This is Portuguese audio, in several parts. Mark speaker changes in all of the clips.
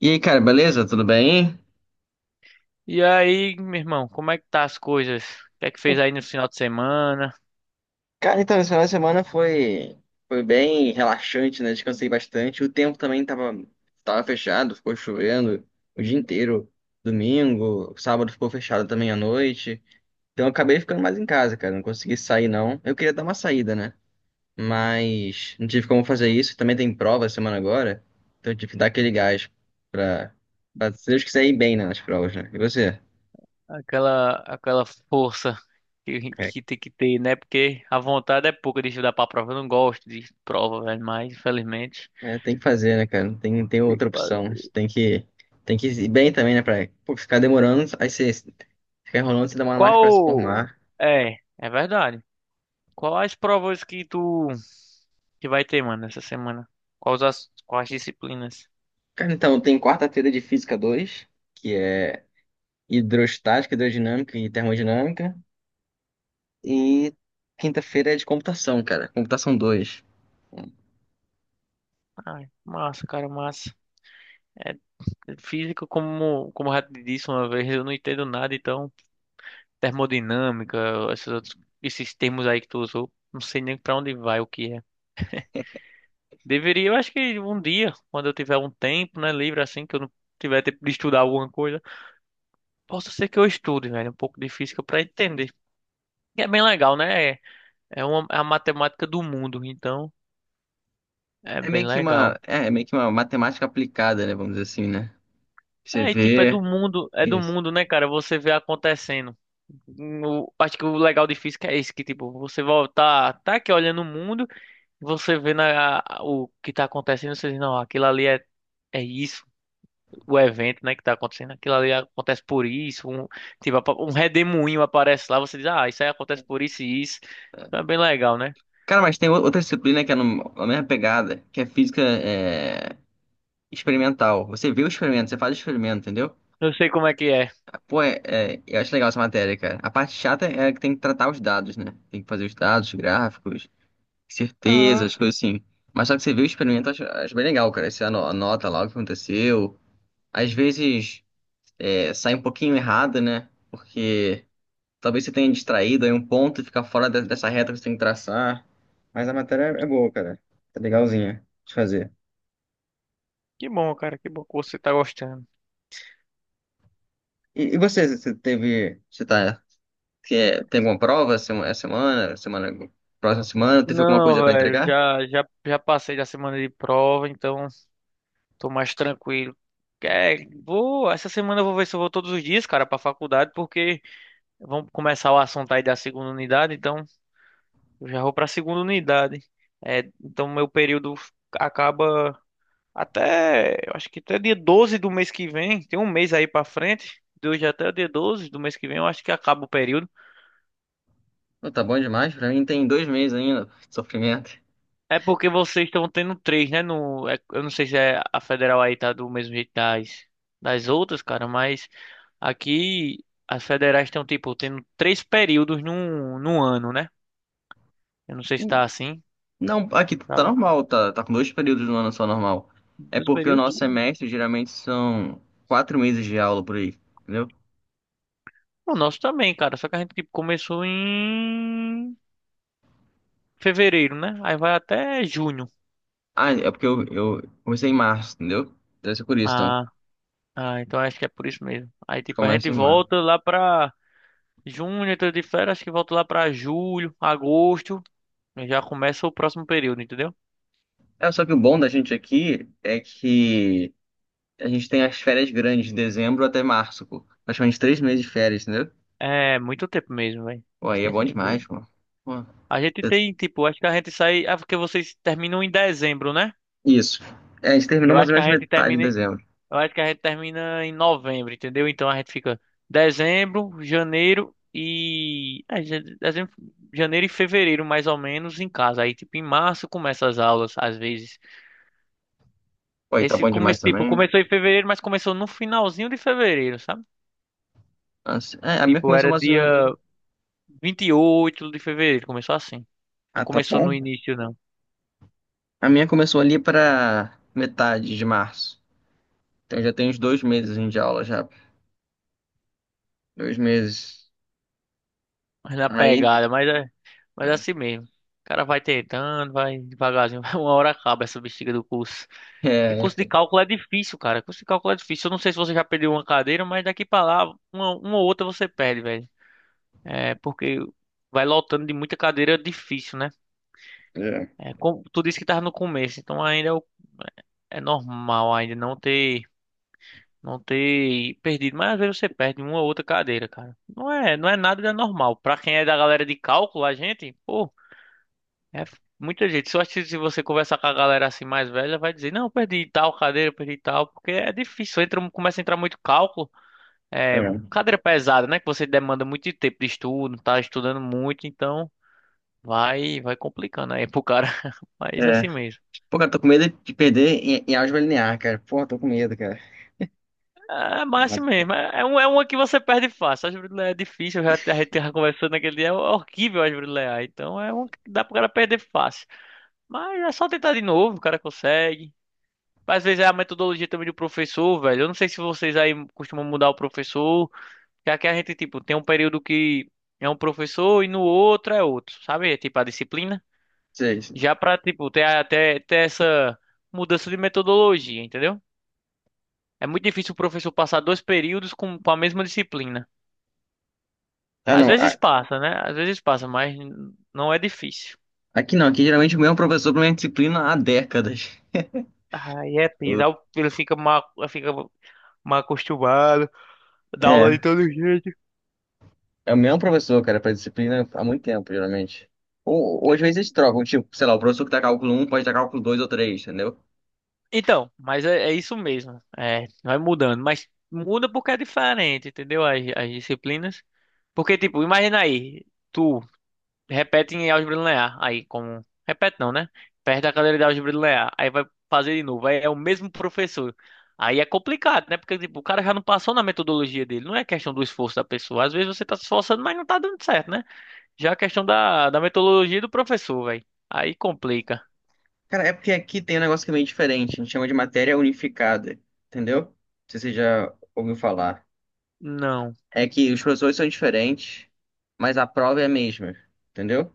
Speaker 1: E aí, cara, beleza? Tudo bem?
Speaker 2: E aí, meu irmão, como é que tá as coisas? O que é que fez aí no final de semana?
Speaker 1: Cara, então, esse final de semana foi bem relaxante, né? Descansei bastante. O tempo também tava fechado, ficou chovendo o dia inteiro. Domingo, sábado ficou fechado também à noite. Então eu acabei ficando mais em casa, cara. Não consegui sair, não. Eu queria dar uma saída, né? Mas não tive como fazer isso. Também tem prova semana agora. Então eu tive que dar aquele gás pra, pra se Deus quiser ir bem, né, nas provas, né? E você?
Speaker 2: Aquela força que tem que ter, né? Porque a vontade é pouca de estudar pra prova. Eu não gosto de prova, velho, mas infelizmente
Speaker 1: É, tem que fazer, né, cara? Não tem
Speaker 2: tem
Speaker 1: outra
Speaker 2: que
Speaker 1: opção. A gente
Speaker 2: fazer.
Speaker 1: tem que ir bem também, né, pra pô, ficar demorando. Aí você fica enrolando, você demora mais pra se
Speaker 2: Qual...
Speaker 1: formar.
Speaker 2: É, é verdade. Quais provas que tu que vai ter, mano, essa semana? Quais disciplinas?
Speaker 1: Cara, então, tem quarta-feira de Física dois, que é hidrostática, hidrodinâmica e termodinâmica. E quinta-feira é de computação, cara. Computação dois.
Speaker 2: Ai, massa, cara, massa. É, física, como eu já te disse uma vez, eu não entendo nada, então... Termodinâmica, esses outros, esses termos aí que tu usou, não sei nem pra onde vai o que é. Deveria, eu acho que um dia, quando eu tiver um tempo, né, livre assim, que eu não tiver tempo de estudar alguma coisa, possa ser que eu estude, velho, um pouco de física pra entender. E é bem legal, né? É a matemática do mundo, então é
Speaker 1: É
Speaker 2: bem
Speaker 1: meio que uma,
Speaker 2: legal.
Speaker 1: é, é meio que uma matemática aplicada, né, vamos dizer assim, né? Você
Speaker 2: É, e tipo,
Speaker 1: vê
Speaker 2: é do
Speaker 1: isso.
Speaker 2: mundo, né, cara? Você vê acontecendo. Acho que o legal de física é esse, que tipo, você volta tá aqui olhando o mundo. Você vê o que tá acontecendo, você diz, não, é isso, o evento, né, que tá acontecendo, aquilo ali acontece por isso, um redemoinho aparece lá, você diz, ah, isso aí acontece por isso e isso. Então é bem legal, né?
Speaker 1: Cara, mas tem outra disciplina que é no, a mesma pegada, que é física, é, experimental. Você vê o experimento, você faz o experimento, entendeu?
Speaker 2: Eu sei como é.
Speaker 1: Pô, eu acho legal essa matéria, cara. A parte chata é que tem que tratar os dados, né? Tem que fazer os dados, gráficos, certezas, coisas assim. Mas só que você vê o experimento, eu acho bem legal, cara. Você anota lá o que aconteceu. Às vezes sai um pouquinho errado, né? Porque talvez você tenha distraído aí um ponto e fica fora dessa reta que você tem que traçar. Mas a matéria é boa, cara. Tá legalzinha de fazer.
Speaker 2: Que bom, cara, que bom que você tá gostando.
Speaker 1: E você teve. Você tá Que é- Tem alguma prova próxima semana? Teve alguma coisa
Speaker 2: Não,
Speaker 1: pra
Speaker 2: velho,
Speaker 1: entregar?
Speaker 2: já passei da semana de prova, então tô mais tranquilo. É, vou, essa semana eu vou ver se eu vou todos os dias, cara, pra faculdade, porque vamos começar o assunto aí da segunda unidade, então. Eu já vou para a segunda unidade. É, então meu período acaba até, eu acho que até dia 12 do mês que vem, tem um mês aí para frente, de hoje até o dia 12 do mês que vem, eu acho que acaba o período.
Speaker 1: Não, tá bom demais. Pra mim tem 2 meses ainda de sofrimento.
Speaker 2: É porque vocês estão tendo três, né? Eu não sei se é a federal aí tá do mesmo jeito das outras, cara, mas aqui as federais estão tipo tendo três períodos num ano, né? Eu não sei se tá assim.
Speaker 1: Não, aqui
Speaker 2: Tá,
Speaker 1: tá
Speaker 2: bom.
Speaker 1: normal, tá com 2 períodos no ano, só normal. É
Speaker 2: Dois
Speaker 1: porque o
Speaker 2: períodos?
Speaker 1: nosso semestre geralmente são 4 meses de aula por aí, entendeu?
Speaker 2: É o nosso também, cara. Só que a gente tipo, começou em fevereiro, né? Aí vai até junho.
Speaker 1: Ah, é porque eu comecei em março, entendeu? Deve ser por isso, então.
Speaker 2: Ah, ah, então acho que é por isso mesmo.
Speaker 1: A
Speaker 2: Aí
Speaker 1: gente
Speaker 2: tipo, a gente
Speaker 1: começa em março.
Speaker 2: volta lá pra junho, entra de férias, acho que volta lá pra julho, agosto. E já começa o próximo período, entendeu?
Speaker 1: É, só que o bom da gente aqui é que a gente tem as férias grandes de dezembro até março, pô. Praticamente 3 meses de férias, entendeu?
Speaker 2: É muito tempo mesmo, velho.
Speaker 1: Pô, aí é bom demais, pô. Pô,
Speaker 2: A gente
Speaker 1: é-
Speaker 2: tem, tipo, acho que a gente sai. Ah, porque vocês terminam em dezembro, né?
Speaker 1: isso. É, a gente terminou
Speaker 2: Eu
Speaker 1: mais
Speaker 2: acho
Speaker 1: ou
Speaker 2: que
Speaker 1: menos
Speaker 2: a gente
Speaker 1: metade de
Speaker 2: termina.
Speaker 1: dezembro.
Speaker 2: Eu acho que a gente termina em novembro, entendeu? Então a gente fica dezembro, janeiro e fevereiro, mais ou menos, em casa. Aí, tipo, em março começa as aulas, às vezes.
Speaker 1: Pô, aí tá
Speaker 2: Esse
Speaker 1: bom demais
Speaker 2: começo, tipo,
Speaker 1: também, né?
Speaker 2: começou em fevereiro, mas começou no finalzinho de fevereiro, sabe?
Speaker 1: Nossa, é, a minha
Speaker 2: Tipo,
Speaker 1: começou
Speaker 2: era
Speaker 1: mais ou
Speaker 2: dia
Speaker 1: menos.
Speaker 2: 28 de fevereiro, começou assim. Não
Speaker 1: Ah, tá
Speaker 2: começou no
Speaker 1: bom?
Speaker 2: início, não.
Speaker 1: A minha começou ali pra metade de março. Então já tem uns 2 meses assim, de aula já. 2 meses.
Speaker 2: Mas na
Speaker 1: Aí.
Speaker 2: pegada, mas é assim mesmo. O cara vai tentando, vai devagarzinho. Uma hora acaba essa bexiga do curso. Porque
Speaker 1: É.
Speaker 2: curso de
Speaker 1: É.
Speaker 2: cálculo é difícil, cara. Curso de cálculo é difícil. Eu não sei se você já perdeu uma cadeira, mas daqui pra lá, uma ou outra você perde, velho. É, porque vai lotando de muita cadeira difícil, né? Tu disse que tava no começo, então é normal ainda não ter, não ter perdido. Mas às vezes você perde uma ou outra cadeira, cara. Não é nada de anormal. Pra quem é da galera de cálculo, a gente, pô. Muita gente. Só acho que se você conversar com a galera assim mais velha, vai dizer, não, eu perdi tal cadeira, eu perdi tal, porque é difícil, entra, começa a entrar muito cálculo. É,
Speaker 1: É.
Speaker 2: cadeira pesada, né? Que você demanda muito tempo de estudo, tá estudando muito, então vai complicando aí pro cara. Mas
Speaker 1: É.
Speaker 2: assim mesmo.
Speaker 1: Pô, cara, tô com medo de perder em álgebra linear, cara. Pô, tô com medo, cara.
Speaker 2: É, mas assim
Speaker 1: Mas não
Speaker 2: mesmo. É uma que você perde fácil. A árvore de leão é difícil, a gente tava conversando naquele dia, é horrível a árvore de leão. Então é uma que dá pro cara perder fácil. Mas é só tentar de novo, o cara consegue. Às vezes é a metodologia também do professor, velho. Eu não sei se vocês aí costumam mudar o professor. Que aqui a gente, tipo, tem um período que é um professor e no outro é outro, sabe? É tipo a disciplina.
Speaker 1: sei.
Speaker 2: Já pra, tipo, ter até ter, essa mudança de metodologia, entendeu? É muito difícil o professor passar dois períodos com a mesma disciplina.
Speaker 1: Ah,
Speaker 2: Às
Speaker 1: não.
Speaker 2: vezes passa, né? Às vezes passa, mas não é difícil.
Speaker 1: Aqui não. Aqui geralmente o mesmo professor pra minha disciplina há décadas.
Speaker 2: Aí é pisar, ele fica mal acostumado, dá
Speaker 1: É.
Speaker 2: aula de todo jeito.
Speaker 1: É o mesmo professor, cara, pra disciplina há muito tempo, geralmente. Ou às vezes eles trocam, tipo, sei lá, o professor que dá cálculo um pode dar cálculo dois ou três, entendeu?
Speaker 2: Então, é isso mesmo. É, vai mudando, mas muda porque é diferente, entendeu? As disciplinas. Porque, tipo, imagina aí, tu repete em álgebra linear, aí como. Repete não, né? Perde a cadeira de álgebra linear, aí vai fazer de novo, aí é o mesmo professor. Aí é complicado, né? Porque, tipo, o cara já não passou na metodologia dele. Não é questão do esforço da pessoa. Às vezes você tá se esforçando, mas não tá dando certo, né? Já é questão da metodologia do professor, velho. Aí complica.
Speaker 1: Cara, é porque aqui tem um negócio que é meio diferente, a gente chama de matéria unificada, entendeu? Não sei se você já ouviu falar.
Speaker 2: Não.
Speaker 1: É que os professores são diferentes, mas a prova é a mesma, entendeu?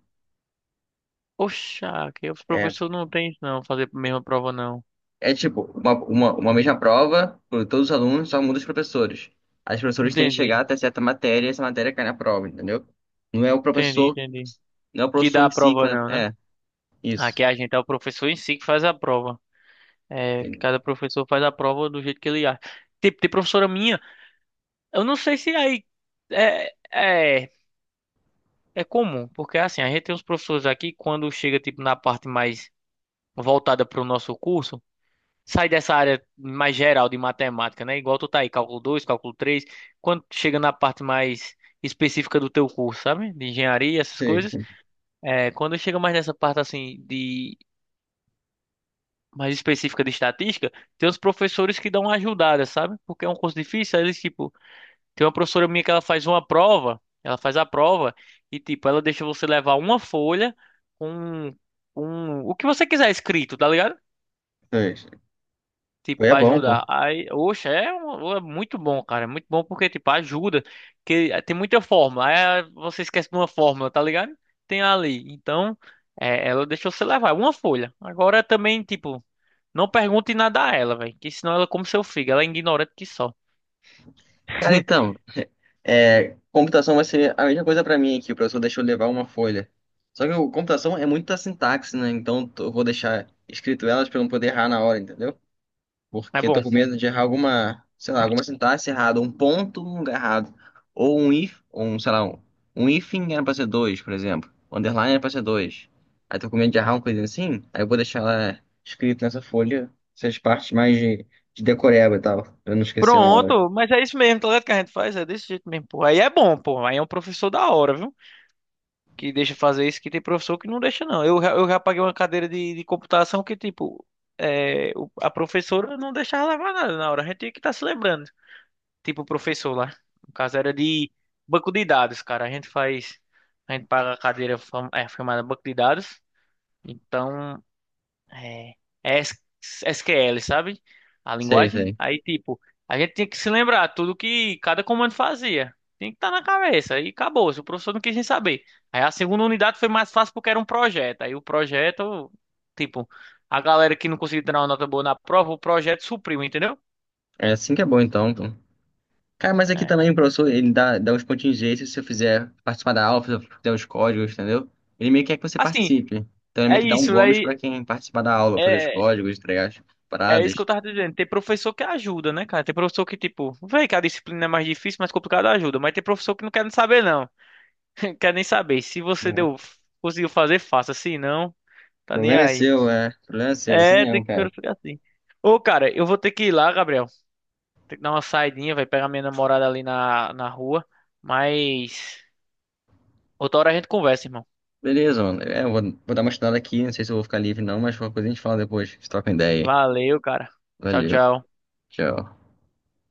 Speaker 2: Oxa, que os
Speaker 1: É,
Speaker 2: professores não têm não, fazer a mesma prova não.
Speaker 1: é tipo, uma mesma prova para todos os alunos, só muda os professores. Aí os professores têm que chegar
Speaker 2: Entendi,
Speaker 1: até certa matéria e essa matéria cai na prova, entendeu? Não é o professor,
Speaker 2: entendi.
Speaker 1: não é o
Speaker 2: Que
Speaker 1: professor
Speaker 2: dá a
Speaker 1: em si que
Speaker 2: prova
Speaker 1: faz
Speaker 2: não,
Speaker 1: a...
Speaker 2: né?
Speaker 1: É, isso.
Speaker 2: Aqui a gente é o professor em si que faz a prova. É,
Speaker 1: Entendeu?
Speaker 2: cada professor faz a prova do jeito que ele acha. Tipo, tem professora minha, eu não sei se aí é, é, é comum, porque assim, a gente tem uns professores aqui, quando chega tipo na parte mais voltada para o nosso curso, sai dessa área mais geral de matemática, né? Igual tu tá aí, cálculo 2, cálculo 3. Quando chega na parte mais específica do teu curso, sabe? De engenharia, essas
Speaker 1: Sei,
Speaker 2: coisas.
Speaker 1: sei,
Speaker 2: É, quando chega mais nessa parte assim de mais específica de estatística, tem os professores que dão uma ajudada, sabe? Porque é um curso difícil, aí eles tipo, tem uma professora minha que ela faz a prova e tipo, ela deixa você levar uma folha com um, o que você quiser escrito, tá ligado?
Speaker 1: sei. Sei.
Speaker 2: Tipo,
Speaker 1: Foi é
Speaker 2: pra
Speaker 1: bom, pô.
Speaker 2: ajudar. Aí, oxe, é muito bom, cara. É muito bom porque, tipo, ajuda. Que tem muita forma. Aí ah, você esquece de uma fórmula, tá ligado? Tem ali. Então, é, ela deixou você levar. Uma folha. Agora também, tipo, não pergunte nada a ela, velho. Que senão ela come seu fígado. Ela é ignorante que só.
Speaker 1: Cara, então, computação vai ser a mesma coisa para mim aqui. O professor deixou eu levar uma folha. Só que o computação é muita sintaxe, né? Então eu vou deixar escrito elas para não poder errar na hora, entendeu?
Speaker 2: Mas
Speaker 1: Porque eu
Speaker 2: bom.
Speaker 1: tô com medo de errar alguma, sei lá, alguma sintaxe errada, um ponto no lugar errado, ou um if, ou um, sei lá, um hífen era pra ser dois, por exemplo, um underline era pra ser dois. Aí tô com medo de errar uma coisa assim, aí eu vou deixar lá escrito nessa folha essas partes mais de decoreba e tal, pra eu não esquecer na hora.
Speaker 2: Pronto, mas é isso mesmo, tá ligado? Que a gente faz, é desse jeito mesmo, pô. Aí é bom, pô. Aí é um professor da hora, viu? Que deixa fazer isso, que tem professor que não deixa, não. Eu já paguei uma cadeira de computação que, tipo, a professora não deixava levar nada na hora. A gente tinha que estar se lembrando. Tipo, o professor lá. No caso, era de banco de dados, cara. A gente faz. A gente paga a cadeira chamada banco de dados. Então. É, é S- SQL, sabe? A
Speaker 1: Sei,
Speaker 2: linguagem.
Speaker 1: sei.
Speaker 2: Aí, tipo, a gente tinha que se lembrar tudo que cada comando fazia. Tinha que estar na cabeça. E acabou. Se o professor não quis nem saber. Aí a segunda unidade foi mais fácil porque era um projeto. Aí o projeto, tipo, a galera que não conseguiu tirar uma nota boa na prova, o projeto supriu, entendeu?
Speaker 1: É assim que é bom então, pô. Cara, mas aqui
Speaker 2: É.
Speaker 1: também o professor, ele dá uns contingências se você fizer participar da aula, se você fizer os códigos, entendeu? Ele meio que quer que você
Speaker 2: Assim,
Speaker 1: participe. Então ele
Speaker 2: é
Speaker 1: meio que dá um
Speaker 2: isso.
Speaker 1: bônus
Speaker 2: Aí
Speaker 1: pra quem participar da aula, fazer os
Speaker 2: é,
Speaker 1: códigos, entregar as
Speaker 2: é isso que
Speaker 1: paradas.
Speaker 2: eu tava dizendo. Tem professor que ajuda, né, cara? Tem professor que, tipo, vê que a disciplina é mais difícil, mais complicada ajuda. Mas tem professor que não quer nem saber, não. Quero nem saber. Se você
Speaker 1: É.
Speaker 2: deu, conseguiu fazer, faça. Se não, tá nem
Speaker 1: Problema é
Speaker 2: aí.
Speaker 1: seu, é. Problema é seu, isso
Speaker 2: É, tem
Speaker 1: não,
Speaker 2: que
Speaker 1: cara.
Speaker 2: ficar assim. Ô, cara, eu vou ter que ir lá, Gabriel. Tem que dar uma saidinha, vai pegar minha namorada ali na rua. Mas outra hora a gente conversa, irmão.
Speaker 1: Beleza, mano. É, eu vou dar uma estudada aqui, não sei se eu vou ficar livre não, mas qualquer coisa a gente fala depois. A gente troca uma ideia aí.
Speaker 2: Valeu, cara. Tchau,
Speaker 1: Valeu.
Speaker 2: tchau.
Speaker 1: Tchau.